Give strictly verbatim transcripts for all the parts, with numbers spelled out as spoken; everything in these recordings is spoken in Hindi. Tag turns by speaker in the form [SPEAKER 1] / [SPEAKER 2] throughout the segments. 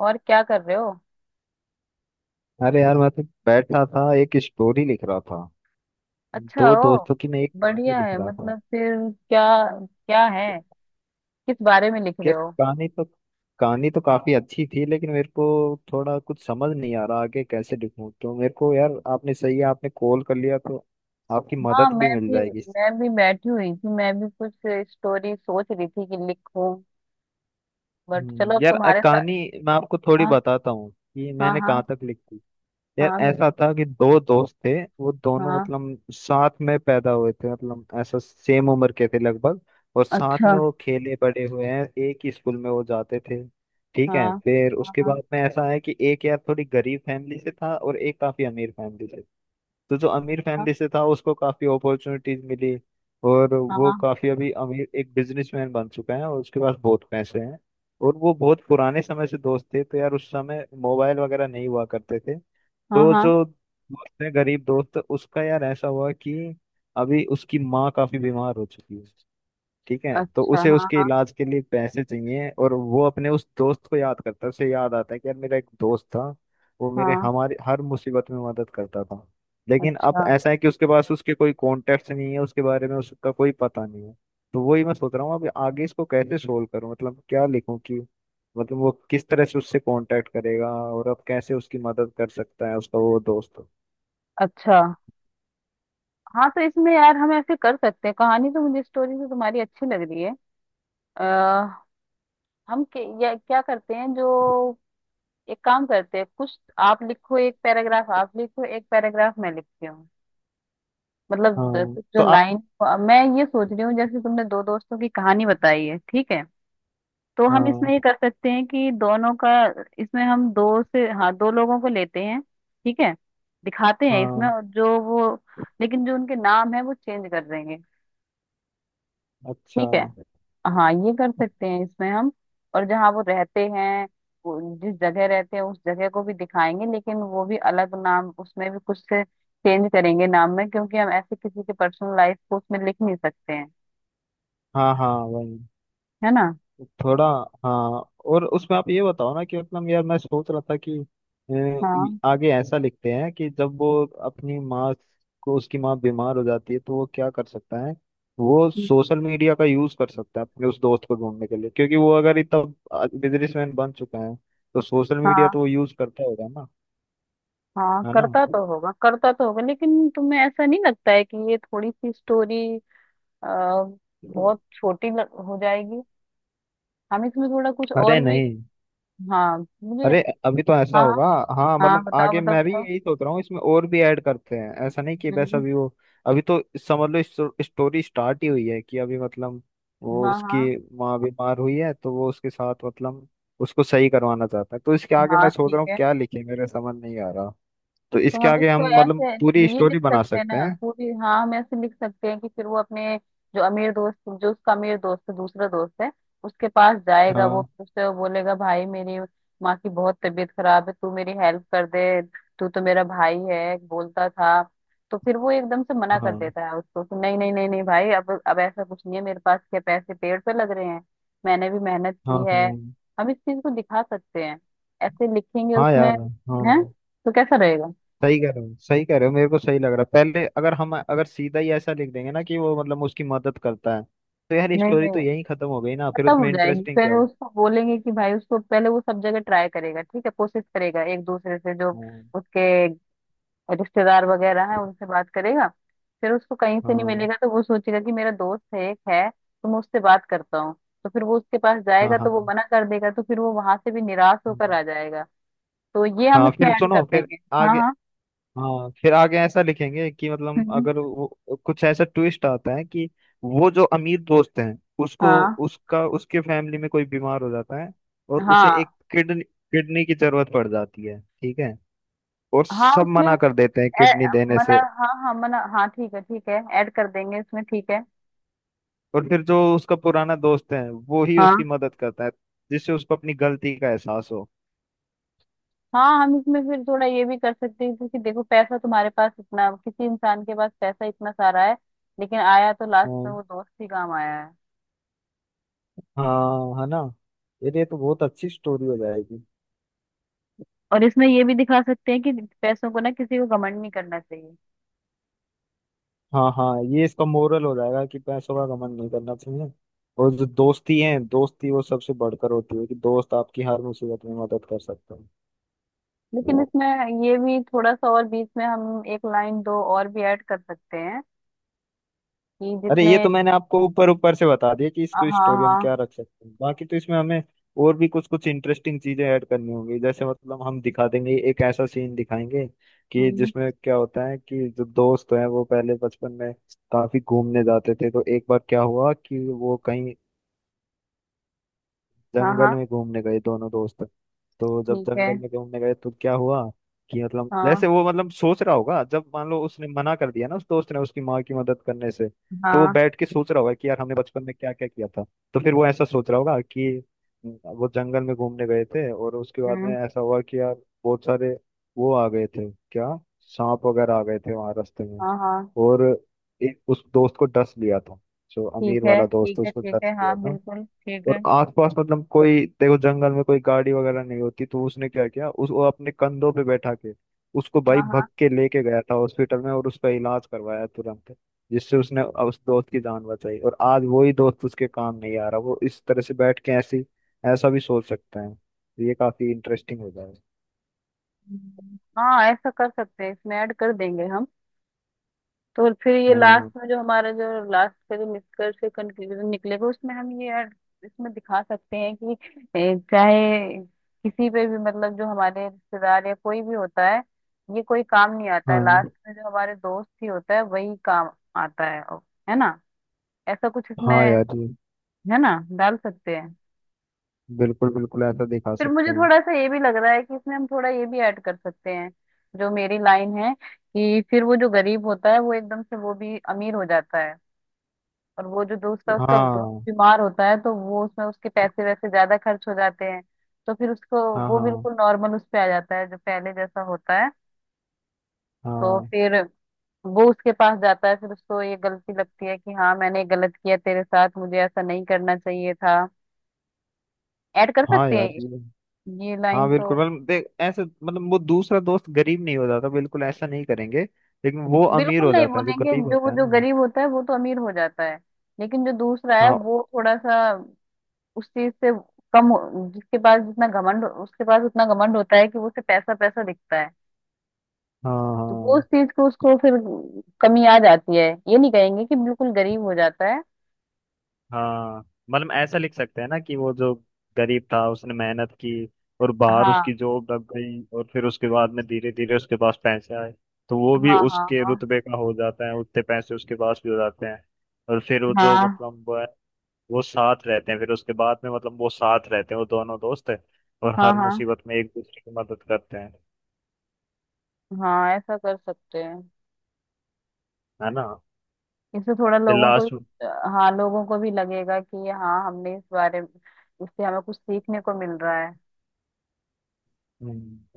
[SPEAKER 1] और क्या कर रहे हो।
[SPEAKER 2] अरे यार मैं तो बैठा था एक स्टोरी लिख रहा था।
[SPEAKER 1] अच्छा।
[SPEAKER 2] दो
[SPEAKER 1] ओ,
[SPEAKER 2] दोस्तों की मैं एक कहानी
[SPEAKER 1] बढ़िया
[SPEAKER 2] लिख
[SPEAKER 1] है।
[SPEAKER 2] रहा था।
[SPEAKER 1] मतलब फिर क्या, क्या है, किस बारे में लिख रहे
[SPEAKER 2] यार
[SPEAKER 1] हो।
[SPEAKER 2] कहानी तो कहानी तो काफी अच्छी थी लेकिन मेरे को थोड़ा कुछ समझ नहीं आ रहा आगे कैसे लिखूं। तो मेरे को यार आपने सही है, आपने कॉल कर लिया तो आपकी
[SPEAKER 1] हाँ,
[SPEAKER 2] मदद
[SPEAKER 1] मैं
[SPEAKER 2] भी मिल
[SPEAKER 1] भी
[SPEAKER 2] जाएगी।
[SPEAKER 1] मैं भी बैठी हुई थी। मैं भी कुछ स्टोरी सोच रही थी कि लिखूं। बट
[SPEAKER 2] हम्म,
[SPEAKER 1] चलो अब
[SPEAKER 2] यार अ,
[SPEAKER 1] तुम्हारे साथ।
[SPEAKER 2] कहानी मैं आपको थोड़ी
[SPEAKER 1] हाँ।
[SPEAKER 2] बताता हूँ कि
[SPEAKER 1] हाँ
[SPEAKER 2] मैंने कहाँ
[SPEAKER 1] हाँ।
[SPEAKER 2] तक लिखी। यार
[SPEAKER 1] हाँ बिल्कुल।
[SPEAKER 2] ऐसा था कि दो दोस्त थे। वो दोनों
[SPEAKER 1] हाँ।
[SPEAKER 2] मतलब साथ में पैदा हुए थे, मतलब ऐसा सेम उम्र के थे लगभग। और साथ में
[SPEAKER 1] अच्छा।
[SPEAKER 2] वो खेले बड़े हुए हैं, एक ही स्कूल में वो जाते थे। ठीक है,
[SPEAKER 1] हाँ
[SPEAKER 2] फिर
[SPEAKER 1] हाँ।
[SPEAKER 2] उसके
[SPEAKER 1] हाँ।
[SPEAKER 2] बाद में ऐसा है कि एक यार थोड़ी गरीब फैमिली से था और एक काफी अमीर फैमिली से। तो जो अमीर फैमिली से था उसको काफी अपॉर्चुनिटीज मिली और
[SPEAKER 1] हाँ।
[SPEAKER 2] वो
[SPEAKER 1] हाँ।
[SPEAKER 2] काफी अभी अमीर एक बिजनेसमैन बन चुका है और उसके पास बहुत पैसे हैं। और वो बहुत पुराने समय से दोस्त थे, तो यार उस समय मोबाइल वगैरह नहीं हुआ करते थे।
[SPEAKER 1] हाँ।
[SPEAKER 2] तो
[SPEAKER 1] हाँ,
[SPEAKER 2] जो दोस्त है गरीब दोस्त उसका यार ऐसा हुआ कि अभी उसकी माँ काफी बीमार हो चुकी है। ठीक है, तो
[SPEAKER 1] अच्छा।
[SPEAKER 2] उसे उसके
[SPEAKER 1] हाँ
[SPEAKER 2] इलाज के लिए पैसे चाहिए और वो अपने उस दोस्त को याद करता है। उसे याद आता है कि यार मेरा एक दोस्त था, वो मेरे
[SPEAKER 1] हाँ।
[SPEAKER 2] हमारे हर मुसीबत में मदद करता था। लेकिन अब
[SPEAKER 1] अच्छा।
[SPEAKER 2] ऐसा है कि उसके पास उसके कोई कॉन्टेक्ट नहीं है, उसके बारे में उसका कोई पता नहीं है। तो वही मैं सोच रहा हूँ अब आगे इसको कैसे सोल्व करूँ, मतलब क्या लिखूँ कि मतलब वो किस तरह से उससे कांटेक्ट करेगा और अब कैसे उसकी मदद कर सकता है उसका वो दोस्त।
[SPEAKER 1] अच्छा। हाँ तो इसमें यार हम ऐसे कर सकते हैं। कहानी तो, मुझे स्टोरी तो तुम्हारी अच्छी लग रही है। अ हम के, या, क्या करते हैं जो, एक काम करते हैं, कुछ आप लिखो, एक पैराग्राफ आप लिखो, एक पैराग्राफ मैं लिखती हूँ। मतलब
[SPEAKER 2] हाँ
[SPEAKER 1] द- जो
[SPEAKER 2] तो आप।
[SPEAKER 1] लाइन, मैं ये सोच रही हूँ, जैसे तुमने दो दोस्तों की कहानी बताई है, ठीक है। तो हम इसमें
[SPEAKER 2] हाँ।
[SPEAKER 1] ये कर सकते हैं कि दोनों का, इसमें हम दो से, हाँ, दो लोगों को लेते हैं, ठीक है। दिखाते हैं इसमें,
[SPEAKER 2] हाँ।
[SPEAKER 1] और जो वो, लेकिन जो उनके नाम है वो चेंज कर देंगे,
[SPEAKER 2] अच्छा।
[SPEAKER 1] ठीक है। हाँ, ये कर सकते हैं इसमें हम। और जहाँ वो रहते हैं, वो जिस जगह रहते हैं उस जगह को भी दिखाएंगे, लेकिन वो भी अलग नाम, उसमें भी कुछ से चेंज करेंगे नाम में, क्योंकि हम ऐसे किसी की पर्सनल लाइफ को उसमें लिख नहीं सकते हैं,
[SPEAKER 2] हाँ, हाँ, वही
[SPEAKER 1] है ना।
[SPEAKER 2] थोड़ा। हाँ। और उसमें आप ये बताओ ना कि मतलब यार मैं सोच रहा था कि अ, ये
[SPEAKER 1] हाँ।
[SPEAKER 2] आगे ऐसा लिखते हैं कि जब वो अपनी माँ को उसकी माँ बीमार हो जाती है तो वो क्या कर सकता है। वो
[SPEAKER 1] हम्म,
[SPEAKER 2] सोशल मीडिया का यूज कर सकता है अपने उस दोस्त को ढूंढने के लिए, क्योंकि वो अगर इतना बिजनेसमैन बन चुका है तो सोशल मीडिया तो
[SPEAKER 1] हाँ
[SPEAKER 2] वो यूज करता होगा ना।
[SPEAKER 1] हाँ
[SPEAKER 2] है ना।
[SPEAKER 1] करता तो होगा, करता तो होगा, लेकिन तुम्हें ऐसा नहीं लगता है कि ये थोड़ी सी स्टोरी बहुत छोटी लग- हो जाएगी। हम इसमें थोड़ा कुछ
[SPEAKER 2] अरे
[SPEAKER 1] और भी,
[SPEAKER 2] नहीं,
[SPEAKER 1] हाँ मुझे,
[SPEAKER 2] अरे अभी तो ऐसा
[SPEAKER 1] हाँ।
[SPEAKER 2] होगा। हाँ
[SPEAKER 1] हाँ,
[SPEAKER 2] मतलब
[SPEAKER 1] बताओ
[SPEAKER 2] आगे
[SPEAKER 1] बताओ
[SPEAKER 2] मैं भी
[SPEAKER 1] बताओ।
[SPEAKER 2] यही सोच रहा हूँ, इसमें और भी ऐड करते हैं, ऐसा नहीं कि बस
[SPEAKER 1] हम्म,
[SPEAKER 2] अभी वो। अभी तो समझ लो स्टोरी स्टार्ट ही हुई है कि अभी मतलब वो
[SPEAKER 1] हाँ हाँ।
[SPEAKER 2] उसकी माँ बीमार हुई है तो वो उसके साथ मतलब उसको सही करवाना चाहता है। तो इसके आगे
[SPEAKER 1] हाँ
[SPEAKER 2] मैं सोच
[SPEAKER 1] ठीक
[SPEAKER 2] रहा हूँ
[SPEAKER 1] है।
[SPEAKER 2] क्या लिखे, मेरे समझ नहीं आ रहा। तो
[SPEAKER 1] तो
[SPEAKER 2] इसके
[SPEAKER 1] हम
[SPEAKER 2] आगे
[SPEAKER 1] इसको
[SPEAKER 2] हम मतलब
[SPEAKER 1] ऐसे भी
[SPEAKER 2] पूरी
[SPEAKER 1] ये लिख
[SPEAKER 2] स्टोरी बना
[SPEAKER 1] सकते हैं
[SPEAKER 2] सकते
[SPEAKER 1] ना
[SPEAKER 2] हैं।
[SPEAKER 1] पूरी। हाँ, हम ऐसे लिख सकते हैं कि फिर वो अपने, जो अमीर दोस्त, जो उसका अमीर दोस्त है, दूसरा दोस्त है, उसके पास जाएगा। वो
[SPEAKER 2] हाँ।
[SPEAKER 1] फिर उससे वो बोलेगा भाई मेरी माँ की बहुत तबीयत खराब है, तू मेरी हेल्प कर दे, तू तो मेरा भाई है बोलता था। तो फिर वो एकदम से मना कर
[SPEAKER 2] हाँ।
[SPEAKER 1] देता है उसको कि नहीं नहीं नहीं नहीं भाई, अब अब ऐसा कुछ नहीं है मेरे पास, क्या पैसे पेड़ पे लग रहे हैं, मैंने भी मेहनत
[SPEAKER 2] हाँ।
[SPEAKER 1] की है।
[SPEAKER 2] हाँ।
[SPEAKER 1] हम इस चीज को दिखा सकते हैं, ऐसे लिखेंगे
[SPEAKER 2] हाँ
[SPEAKER 1] उसमें,
[SPEAKER 2] यार।
[SPEAKER 1] है
[SPEAKER 2] हाँ,
[SPEAKER 1] तो कैसा रहेगा।
[SPEAKER 2] सही कह रहे हो, सही कह रहे हो, मेरे को सही लग रहा है। पहले अगर हम अगर सीधा ही ऐसा लिख देंगे ना कि वो मतलब उसकी मदद करता है तो यार
[SPEAKER 1] नहीं
[SPEAKER 2] स्टोरी
[SPEAKER 1] नहीं,
[SPEAKER 2] तो यहीं खत्म हो गई ना, फिर
[SPEAKER 1] खत्म हो
[SPEAKER 2] उसमें
[SPEAKER 1] जाएगी।
[SPEAKER 2] इंटरेस्टिंग
[SPEAKER 1] फिर
[SPEAKER 2] क्या होगा।
[SPEAKER 1] उसको बोलेंगे कि भाई, उसको पहले वो सब जगह ट्राई करेगा, ठीक है, कोशिश करेगा एक दूसरे से, जो
[SPEAKER 2] हाँ
[SPEAKER 1] उसके रिश्तेदार वगैरह हैं उनसे बात करेगा। फिर उसको कहीं से नहीं
[SPEAKER 2] हाँ।
[SPEAKER 1] मिलेगा, तो वो सोचेगा कि मेरा दोस्त है एक, है तो मैं उससे बात करता हूँ। तो फिर वो उसके पास
[SPEAKER 2] हाँ।
[SPEAKER 1] जाएगा, तो
[SPEAKER 2] हाँ।
[SPEAKER 1] वो मना कर देगा, तो फिर वो वहां से भी निराश होकर
[SPEAKER 2] हम्म।
[SPEAKER 1] आ जाएगा। तो ये हम
[SPEAKER 2] हाँ,
[SPEAKER 1] इसमें
[SPEAKER 2] फिर
[SPEAKER 1] ऐड कर
[SPEAKER 2] सुनो फिर
[SPEAKER 1] देंगे। हाँ
[SPEAKER 2] आगे।
[SPEAKER 1] हाँ।
[SPEAKER 2] हाँ फिर आगे ऐसा लिखेंगे कि मतलब
[SPEAKER 1] हम्म, हम्म,
[SPEAKER 2] अगर वो कुछ ऐसा ट्विस्ट आता है कि वो जो अमीर दोस्त हैं उसको
[SPEAKER 1] हाँ
[SPEAKER 2] उसका उसके फैमिली में कोई बीमार हो जाता है और उसे
[SPEAKER 1] हाँ
[SPEAKER 2] एक किडनी किडनी की जरूरत पड़ जाती है। ठीक है, और
[SPEAKER 1] हाँ
[SPEAKER 2] सब
[SPEAKER 1] उसमें
[SPEAKER 2] मना
[SPEAKER 1] हम,
[SPEAKER 2] कर देते हैं
[SPEAKER 1] ए-
[SPEAKER 2] किडनी देने
[SPEAKER 1] मना,
[SPEAKER 2] से।
[SPEAKER 1] हाँ हाँ, मना, हाँ, ठीक है ठीक है, ऐड कर देंगे इसमें, ठीक है।
[SPEAKER 2] और फिर जो उसका पुराना दोस्त है वो ही
[SPEAKER 1] हाँ
[SPEAKER 2] उसकी मदद करता है, जिससे उसको अपनी गलती का एहसास हो।
[SPEAKER 1] हाँ। हम इसमें फिर थोड़ा ये भी कर सकते हैं, क्योंकि देखो पैसा तुम्हारे पास इतना, किसी इंसान के पास पैसा इतना सारा है, लेकिन आया तो लास्ट में
[SPEAKER 2] हाँ,
[SPEAKER 1] वो दोस्त ही काम आया है।
[SPEAKER 2] हाँ, है ना। यार ये तो बहुत अच्छी स्टोरी हो जाएगी।
[SPEAKER 1] और इसमें ये भी दिखा सकते हैं कि पैसों को ना, किसी को घमंड नहीं करना चाहिए।
[SPEAKER 2] हाँ हाँ, ये इसका मोरल हो जाएगा कि पैसों का घमंड नहीं करना चाहिए। और जो दोस्ती है, दोस्ती वो सबसे बढ़कर होती है कि दोस्त आपकी हर मुसीबत में मदद कर सकता
[SPEAKER 1] लेकिन
[SPEAKER 2] है।
[SPEAKER 1] इसमें ये भी थोड़ा सा और बीच में हम एक लाइन दो और भी ऐड कर सकते हैं, कि
[SPEAKER 2] अरे
[SPEAKER 1] जितने,
[SPEAKER 2] ये तो मैंने आपको ऊपर ऊपर से बता दिया कि
[SPEAKER 1] हाँ
[SPEAKER 2] इसको स्टोरी हम
[SPEAKER 1] हाँ।
[SPEAKER 2] क्या रख सकते हैं, बाकी तो इसमें हमें और भी कुछ कुछ इंटरेस्टिंग चीजें ऐड करनी होंगी। जैसे मतलब हम दिखा देंगे एक ऐसा सीन दिखाएंगे कि
[SPEAKER 1] हम्म
[SPEAKER 2] जिसमें क्या होता है कि जो दोस्त हैं वो पहले बचपन में काफी घूमने जाते थे। तो एक बार क्या हुआ कि वो कहीं
[SPEAKER 1] हाँ
[SPEAKER 2] जंगल
[SPEAKER 1] हाँ
[SPEAKER 2] में घूमने गए दोनों दोस्त। तो जब
[SPEAKER 1] ठीक है।
[SPEAKER 2] जंगल में घूमने गए तो क्या हुआ कि मतलब जैसे
[SPEAKER 1] हाँ
[SPEAKER 2] वो मतलब सोच रहा होगा जब मान लो उसने मना कर दिया ना उस दोस्त ने उसकी माँ की मदद करने से, तो वो
[SPEAKER 1] हाँ।
[SPEAKER 2] बैठ के सोच रहा होगा कि यार हमने बचपन में क्या क्या किया था। तो फिर वो ऐसा सोच रहा होगा कि वो जंगल में घूमने गए थे और उसके बाद में
[SPEAKER 1] हम्म
[SPEAKER 2] ऐसा हुआ कि यार बहुत सारे वो आ गए थे क्या, सांप वगैरह आ गए थे वहां रास्ते में।
[SPEAKER 1] हाँ हाँ
[SPEAKER 2] और एक उस दोस्त को डस लिया था, जो
[SPEAKER 1] ठीक
[SPEAKER 2] अमीर
[SPEAKER 1] है
[SPEAKER 2] वाला दोस्त
[SPEAKER 1] ठीक
[SPEAKER 2] था,
[SPEAKER 1] है
[SPEAKER 2] उसको
[SPEAKER 1] ठीक
[SPEAKER 2] डस
[SPEAKER 1] है, हाँ
[SPEAKER 2] लिया था।
[SPEAKER 1] बिल्कुल ठीक है।
[SPEAKER 2] और आसपास मतलब कोई देखो जंगल में कोई गाड़ी वगैरह नहीं होती, तो उसने क्या किया उस वो अपने कंधों पे बैठा के उसको भाई
[SPEAKER 1] हाँ
[SPEAKER 2] भग
[SPEAKER 1] हाँ।
[SPEAKER 2] के लेके गया था हॉस्पिटल में और उसका इलाज करवाया तुरंत, जिससे उसने उस दोस्त की जान बचाई। और आज वही दोस्त उसके काम नहीं आ रहा, वो इस तरह से बैठ के ऐसी ऐसा भी सोच सकते हैं। ये काफी इंटरेस्टिंग हो जाएगा।
[SPEAKER 1] हम्म। हाँ ऐसा कर सकते हैं, इसमें ऐड कर देंगे हम। तो फिर ये लास्ट
[SPEAKER 2] हाँ।
[SPEAKER 1] में जो हमारा, जो लास्ट का जो निष्कर्ष, कंक्लूजन निकलेगा, उसमें हम ये ऐड, इसमें दिखा सकते हैं कि ए, चाहे किसी पे भी, मतलब जो हमारे रिश्तेदार या कोई भी होता है, ये कोई काम नहीं आता है। लास्ट
[SPEAKER 2] हाँ।
[SPEAKER 1] में जो हमारे दोस्त ही होता है वही काम आता है है ना। ऐसा कुछ
[SPEAKER 2] हाँ
[SPEAKER 1] इसमें,
[SPEAKER 2] यार जी,
[SPEAKER 1] है ना, डाल सकते हैं।
[SPEAKER 2] बिल्कुल बिल्कुल ऐसा दिखा
[SPEAKER 1] फिर
[SPEAKER 2] सकते
[SPEAKER 1] मुझे
[SPEAKER 2] हैं।
[SPEAKER 1] थोड़ा सा ये भी लग रहा है कि इसमें हम थोड़ा ये भी ऐड कर सकते हैं, जो मेरी लाइन है, कि फिर वो जो गरीब होता है वो एकदम से वो भी अमीर हो जाता है, और वो जो दोस्त है उसका दोस्त
[SPEAKER 2] हाँ।
[SPEAKER 1] बीमार होता है, तो वो उसमें उसके पैसे वैसे ज्यादा खर्च हो जाते हैं, तो फिर उसको
[SPEAKER 2] हाँ।
[SPEAKER 1] वो
[SPEAKER 2] हाँ।
[SPEAKER 1] बिल्कुल नॉर्मल उस पे आ जाता है, जो पहले जैसा होता है। तो
[SPEAKER 2] हाँ।
[SPEAKER 1] फिर वो उसके पास जाता है, फिर उसको ये गलती लगती है कि हाँ मैंने गलत किया तेरे साथ, मुझे ऐसा नहीं करना चाहिए था। ऐड कर
[SPEAKER 2] हाँ
[SPEAKER 1] सकते हैं,
[SPEAKER 2] यार
[SPEAKER 1] ये
[SPEAKER 2] जी,
[SPEAKER 1] ये
[SPEAKER 2] हाँ
[SPEAKER 1] लाइन तो।
[SPEAKER 2] बिल्कुल। मतलब देख ऐसे मतलब वो दूसरा दोस्त गरीब नहीं हो जाता, बिल्कुल ऐसा नहीं करेंगे। लेकिन वो अमीर
[SPEAKER 1] बिल्कुल
[SPEAKER 2] हो
[SPEAKER 1] नहीं
[SPEAKER 2] जाता है जो
[SPEAKER 1] बोलेंगे,
[SPEAKER 2] गरीब
[SPEAKER 1] जो
[SPEAKER 2] होता है
[SPEAKER 1] जो
[SPEAKER 2] ना।
[SPEAKER 1] गरीब होता है वो तो अमीर हो जाता है, लेकिन जो दूसरा है
[SPEAKER 2] हाँ।
[SPEAKER 1] वो थोड़ा सा उस चीज से कम हो- जिसके पास जितना घमंड, उसके पास उतना घमंड होता है कि वो उसे पैसा पैसा दिखता है।
[SPEAKER 2] हाँ।
[SPEAKER 1] तो वो उस
[SPEAKER 2] हाँ।
[SPEAKER 1] चीज को, उसको फिर कमी आ जाती है, ये नहीं कहेंगे कि बिल्कुल गरीब हो जाता है।
[SPEAKER 2] हाँ मतलब ऐसा लिख सकते हैं ना कि वो जो गरीब था उसने मेहनत की और बाहर
[SPEAKER 1] हाँ
[SPEAKER 2] उसकी जॉब लग गई, और फिर उसके बाद में धीरे धीरे उसके पास पैसे आए। तो वो भी
[SPEAKER 1] हाँ हाँ।
[SPEAKER 2] उसके
[SPEAKER 1] हाँ
[SPEAKER 2] रुतबे का हो जाता है, उतने पैसे उसके पास भी हो जाते हैं। और फिर वो जो
[SPEAKER 1] हाँ
[SPEAKER 2] मतलब वो साथ रहते हैं, फिर उसके बाद में मतलब वो साथ रहते हैं वो दोनों दोस्त है और
[SPEAKER 1] हाँ।
[SPEAKER 2] हर
[SPEAKER 1] हाँ,
[SPEAKER 2] मुसीबत में एक दूसरे की मदद करते हैं।
[SPEAKER 1] हाँ ऐसा कर सकते हैं।
[SPEAKER 2] है ना।
[SPEAKER 1] इससे थोड़ा
[SPEAKER 2] फिर
[SPEAKER 1] लोगों को
[SPEAKER 2] लास्ट।
[SPEAKER 1] भी, हाँ, लोगों को भी लगेगा कि हाँ हमने इस बारे में, इससे हमें कुछ सीखने को मिल रहा है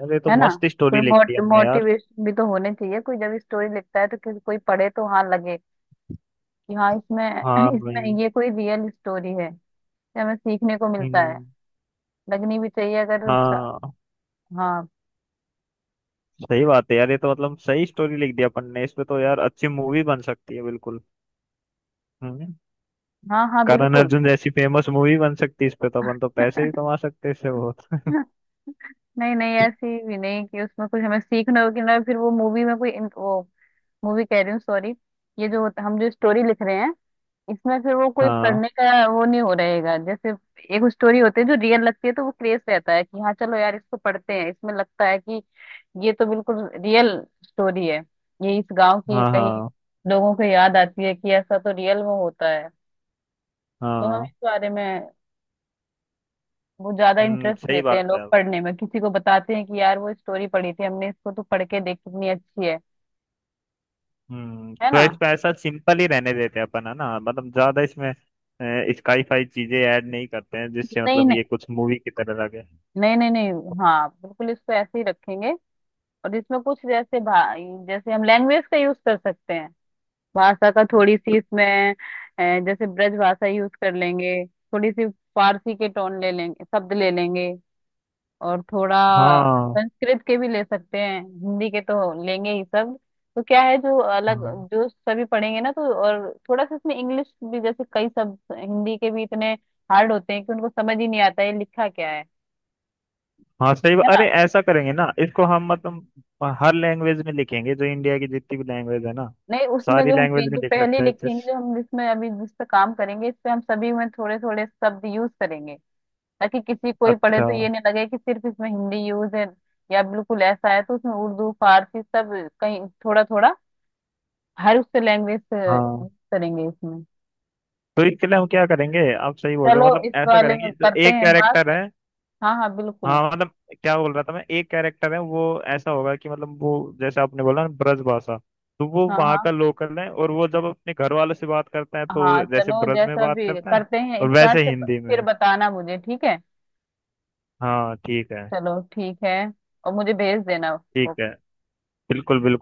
[SPEAKER 2] अरे तो
[SPEAKER 1] है ना।
[SPEAKER 2] मस्त
[SPEAKER 1] कोई
[SPEAKER 2] स्टोरी लिख दी
[SPEAKER 1] मोट,
[SPEAKER 2] हमने यार।
[SPEAKER 1] मोटिवेशन भी तो होने चाहिए, कोई जब स्टोरी लिखता है तो, किसी कोई पढ़े तो हाँ लगे कि हाँ इसमें
[SPEAKER 2] हाँ भाई।
[SPEAKER 1] इसमें ये कोई रियल स्टोरी है, ये हमें सीखने को मिलता है,
[SPEAKER 2] हम्म,
[SPEAKER 1] लगनी भी चाहिए। अगर स-
[SPEAKER 2] हाँ
[SPEAKER 1] हाँ
[SPEAKER 2] सही बात है यार, ये तो मतलब सही स्टोरी लिख दी अपन ने। इस पे तो यार अच्छी मूवी बन सकती है बिल्कुल। हम्म,
[SPEAKER 1] हाँ, हाँ
[SPEAKER 2] करण
[SPEAKER 1] बिल्कुल।
[SPEAKER 2] अर्जुन जैसी फेमस मूवी बन सकती है इस पे, तो अपन तो पैसे भी कमा सकते हैं इससे बहुत
[SPEAKER 1] नहीं नहीं, ऐसी भी नहीं कि उसमें कुछ हमें सीखना हो कि, ना फिर वो मूवी में कोई इन- वो, मूवी कह रही हूँ सॉरी, ये जो होता- हम जो स्टोरी लिख रहे हैं, इसमें फिर वो कोई
[SPEAKER 2] हाँ।
[SPEAKER 1] पढ़ने का वो नहीं हो रहेगा। जैसे एक स्टोरी होती है जो रियल लगती है, तो वो क्रेज रहता है कि हाँ चलो यार इसको पढ़ते हैं, इसमें लगता है कि ये तो बिल्कुल रियल स्टोरी है, ये इस गांव की
[SPEAKER 2] हाँ।
[SPEAKER 1] कहीं,
[SPEAKER 2] हाँ
[SPEAKER 1] लोगों को याद आती है कि ऐसा तो रियल में होता है। तो हम
[SPEAKER 2] हाँ
[SPEAKER 1] इस बारे में, वो ज्यादा
[SPEAKER 2] हम्म,
[SPEAKER 1] इंटरेस्ट
[SPEAKER 2] सही
[SPEAKER 1] लेते
[SPEAKER 2] बात
[SPEAKER 1] हैं
[SPEAKER 2] है।
[SPEAKER 1] लोग पढ़ने में, किसी को बताते हैं कि यार वो स्टोरी पढ़ी थी हमने, इसको तो पढ़ के देख कितनी अच्छी है
[SPEAKER 2] हम्म,
[SPEAKER 1] है
[SPEAKER 2] तो
[SPEAKER 1] ना।
[SPEAKER 2] इसको ऐसा सिंपल ही रहने देते हैं अपन, है ना। मतलब ज्यादा इसमें स्काई फाई चीजें ऐड नहीं करते हैं जिससे
[SPEAKER 1] नहीं
[SPEAKER 2] मतलब
[SPEAKER 1] नहीं
[SPEAKER 2] ये कुछ मूवी की तरह लगे।
[SPEAKER 1] नहीं नहीं नहीं, हाँ बिल्कुल इसको ऐसे ही रखेंगे। और इसमें कुछ जैसे भा जैसे हम लैंग्वेज का यूज कर सकते हैं, भाषा का थोड़ी सी इसमें, अ, जैसे ब्रज भाषा यूज कर लेंगे, थोड़ी सी फारसी के टोन ले लेंगे, शब्द ले लेंगे, और थोड़ा
[SPEAKER 2] हाँ,
[SPEAKER 1] संस्कृत के भी ले सकते हैं, हिंदी के तो लेंगे ही शब्द। तो क्या है जो अलग,
[SPEAKER 2] हाँ,
[SPEAKER 1] जो सभी पढ़ेंगे ना तो, और थोड़ा सा इसमें इंग्लिश भी, जैसे कई शब्द हिंदी के भी इतने हार्ड होते हैं कि उनको समझ ही नहीं आता है लिखा क्या है
[SPEAKER 2] हाँ सही
[SPEAKER 1] है
[SPEAKER 2] बात-
[SPEAKER 1] ना।
[SPEAKER 2] अरे ऐसा करेंगे ना इसको हम, मतलब हर लैंग्वेज में लिखेंगे जो इंडिया की जितनी भी लैंग्वेज है ना,
[SPEAKER 1] नहीं, उसमें
[SPEAKER 2] सारी
[SPEAKER 1] जो हम
[SPEAKER 2] लैंग्वेज
[SPEAKER 1] पे-
[SPEAKER 2] में
[SPEAKER 1] जो
[SPEAKER 2] लिख
[SPEAKER 1] पहले
[SPEAKER 2] सकते हैं।
[SPEAKER 1] लिखेंगे, जो हम इसमें अभी जिस पे काम करेंगे इस पे हम सभी में थोड़े थोड़े शब्द यूज करेंगे, ताकि किसी कोई पढ़े
[SPEAKER 2] अच्छा।
[SPEAKER 1] तो ये नहीं लगे कि सिर्फ इसमें हिंदी यूज है, या बिल्कुल ऐसा है तो उसमें उर्दू फारसी सब कहीं थोड़ा थोड़ा हर उससे लैंग्वेज
[SPEAKER 2] हाँ,
[SPEAKER 1] करेंगे इसमें।
[SPEAKER 2] तो इसके लिए हम क्या करेंगे। आप सही बोल रहे
[SPEAKER 1] चलो
[SPEAKER 2] हो, मतलब
[SPEAKER 1] इस
[SPEAKER 2] ऐसा
[SPEAKER 1] वाले में
[SPEAKER 2] करेंगे जो
[SPEAKER 1] करते
[SPEAKER 2] एक
[SPEAKER 1] हैं बात।
[SPEAKER 2] कैरेक्टर है।
[SPEAKER 1] हाँ हाँ बिल्कुल।
[SPEAKER 2] हाँ मतलब क्या बोल रहा था मैं एक कैरेक्टर है वो, ऐसा होगा कि मतलब वो जैसे आपने बोला ना ब्रजभाषा, तो वो
[SPEAKER 1] हाँ
[SPEAKER 2] वहाँ
[SPEAKER 1] हाँ
[SPEAKER 2] का लोकल है और वो जब अपने घर वालों से बात करता है
[SPEAKER 1] हाँ
[SPEAKER 2] तो जैसे
[SPEAKER 1] चलो,
[SPEAKER 2] ब्रज में
[SPEAKER 1] जैसा
[SPEAKER 2] बात
[SPEAKER 1] भी
[SPEAKER 2] करता है,
[SPEAKER 1] करते हैं
[SPEAKER 2] और
[SPEAKER 1] स्टार्ट
[SPEAKER 2] वैसे
[SPEAKER 1] से
[SPEAKER 2] हिंदी
[SPEAKER 1] फिर
[SPEAKER 2] में।
[SPEAKER 1] बताना मुझे, ठीक है।
[SPEAKER 2] हाँ ठीक है।
[SPEAKER 1] चलो ठीक है, और मुझे भेज देना।
[SPEAKER 2] ठीक है, बिल्कुल बिल्कुल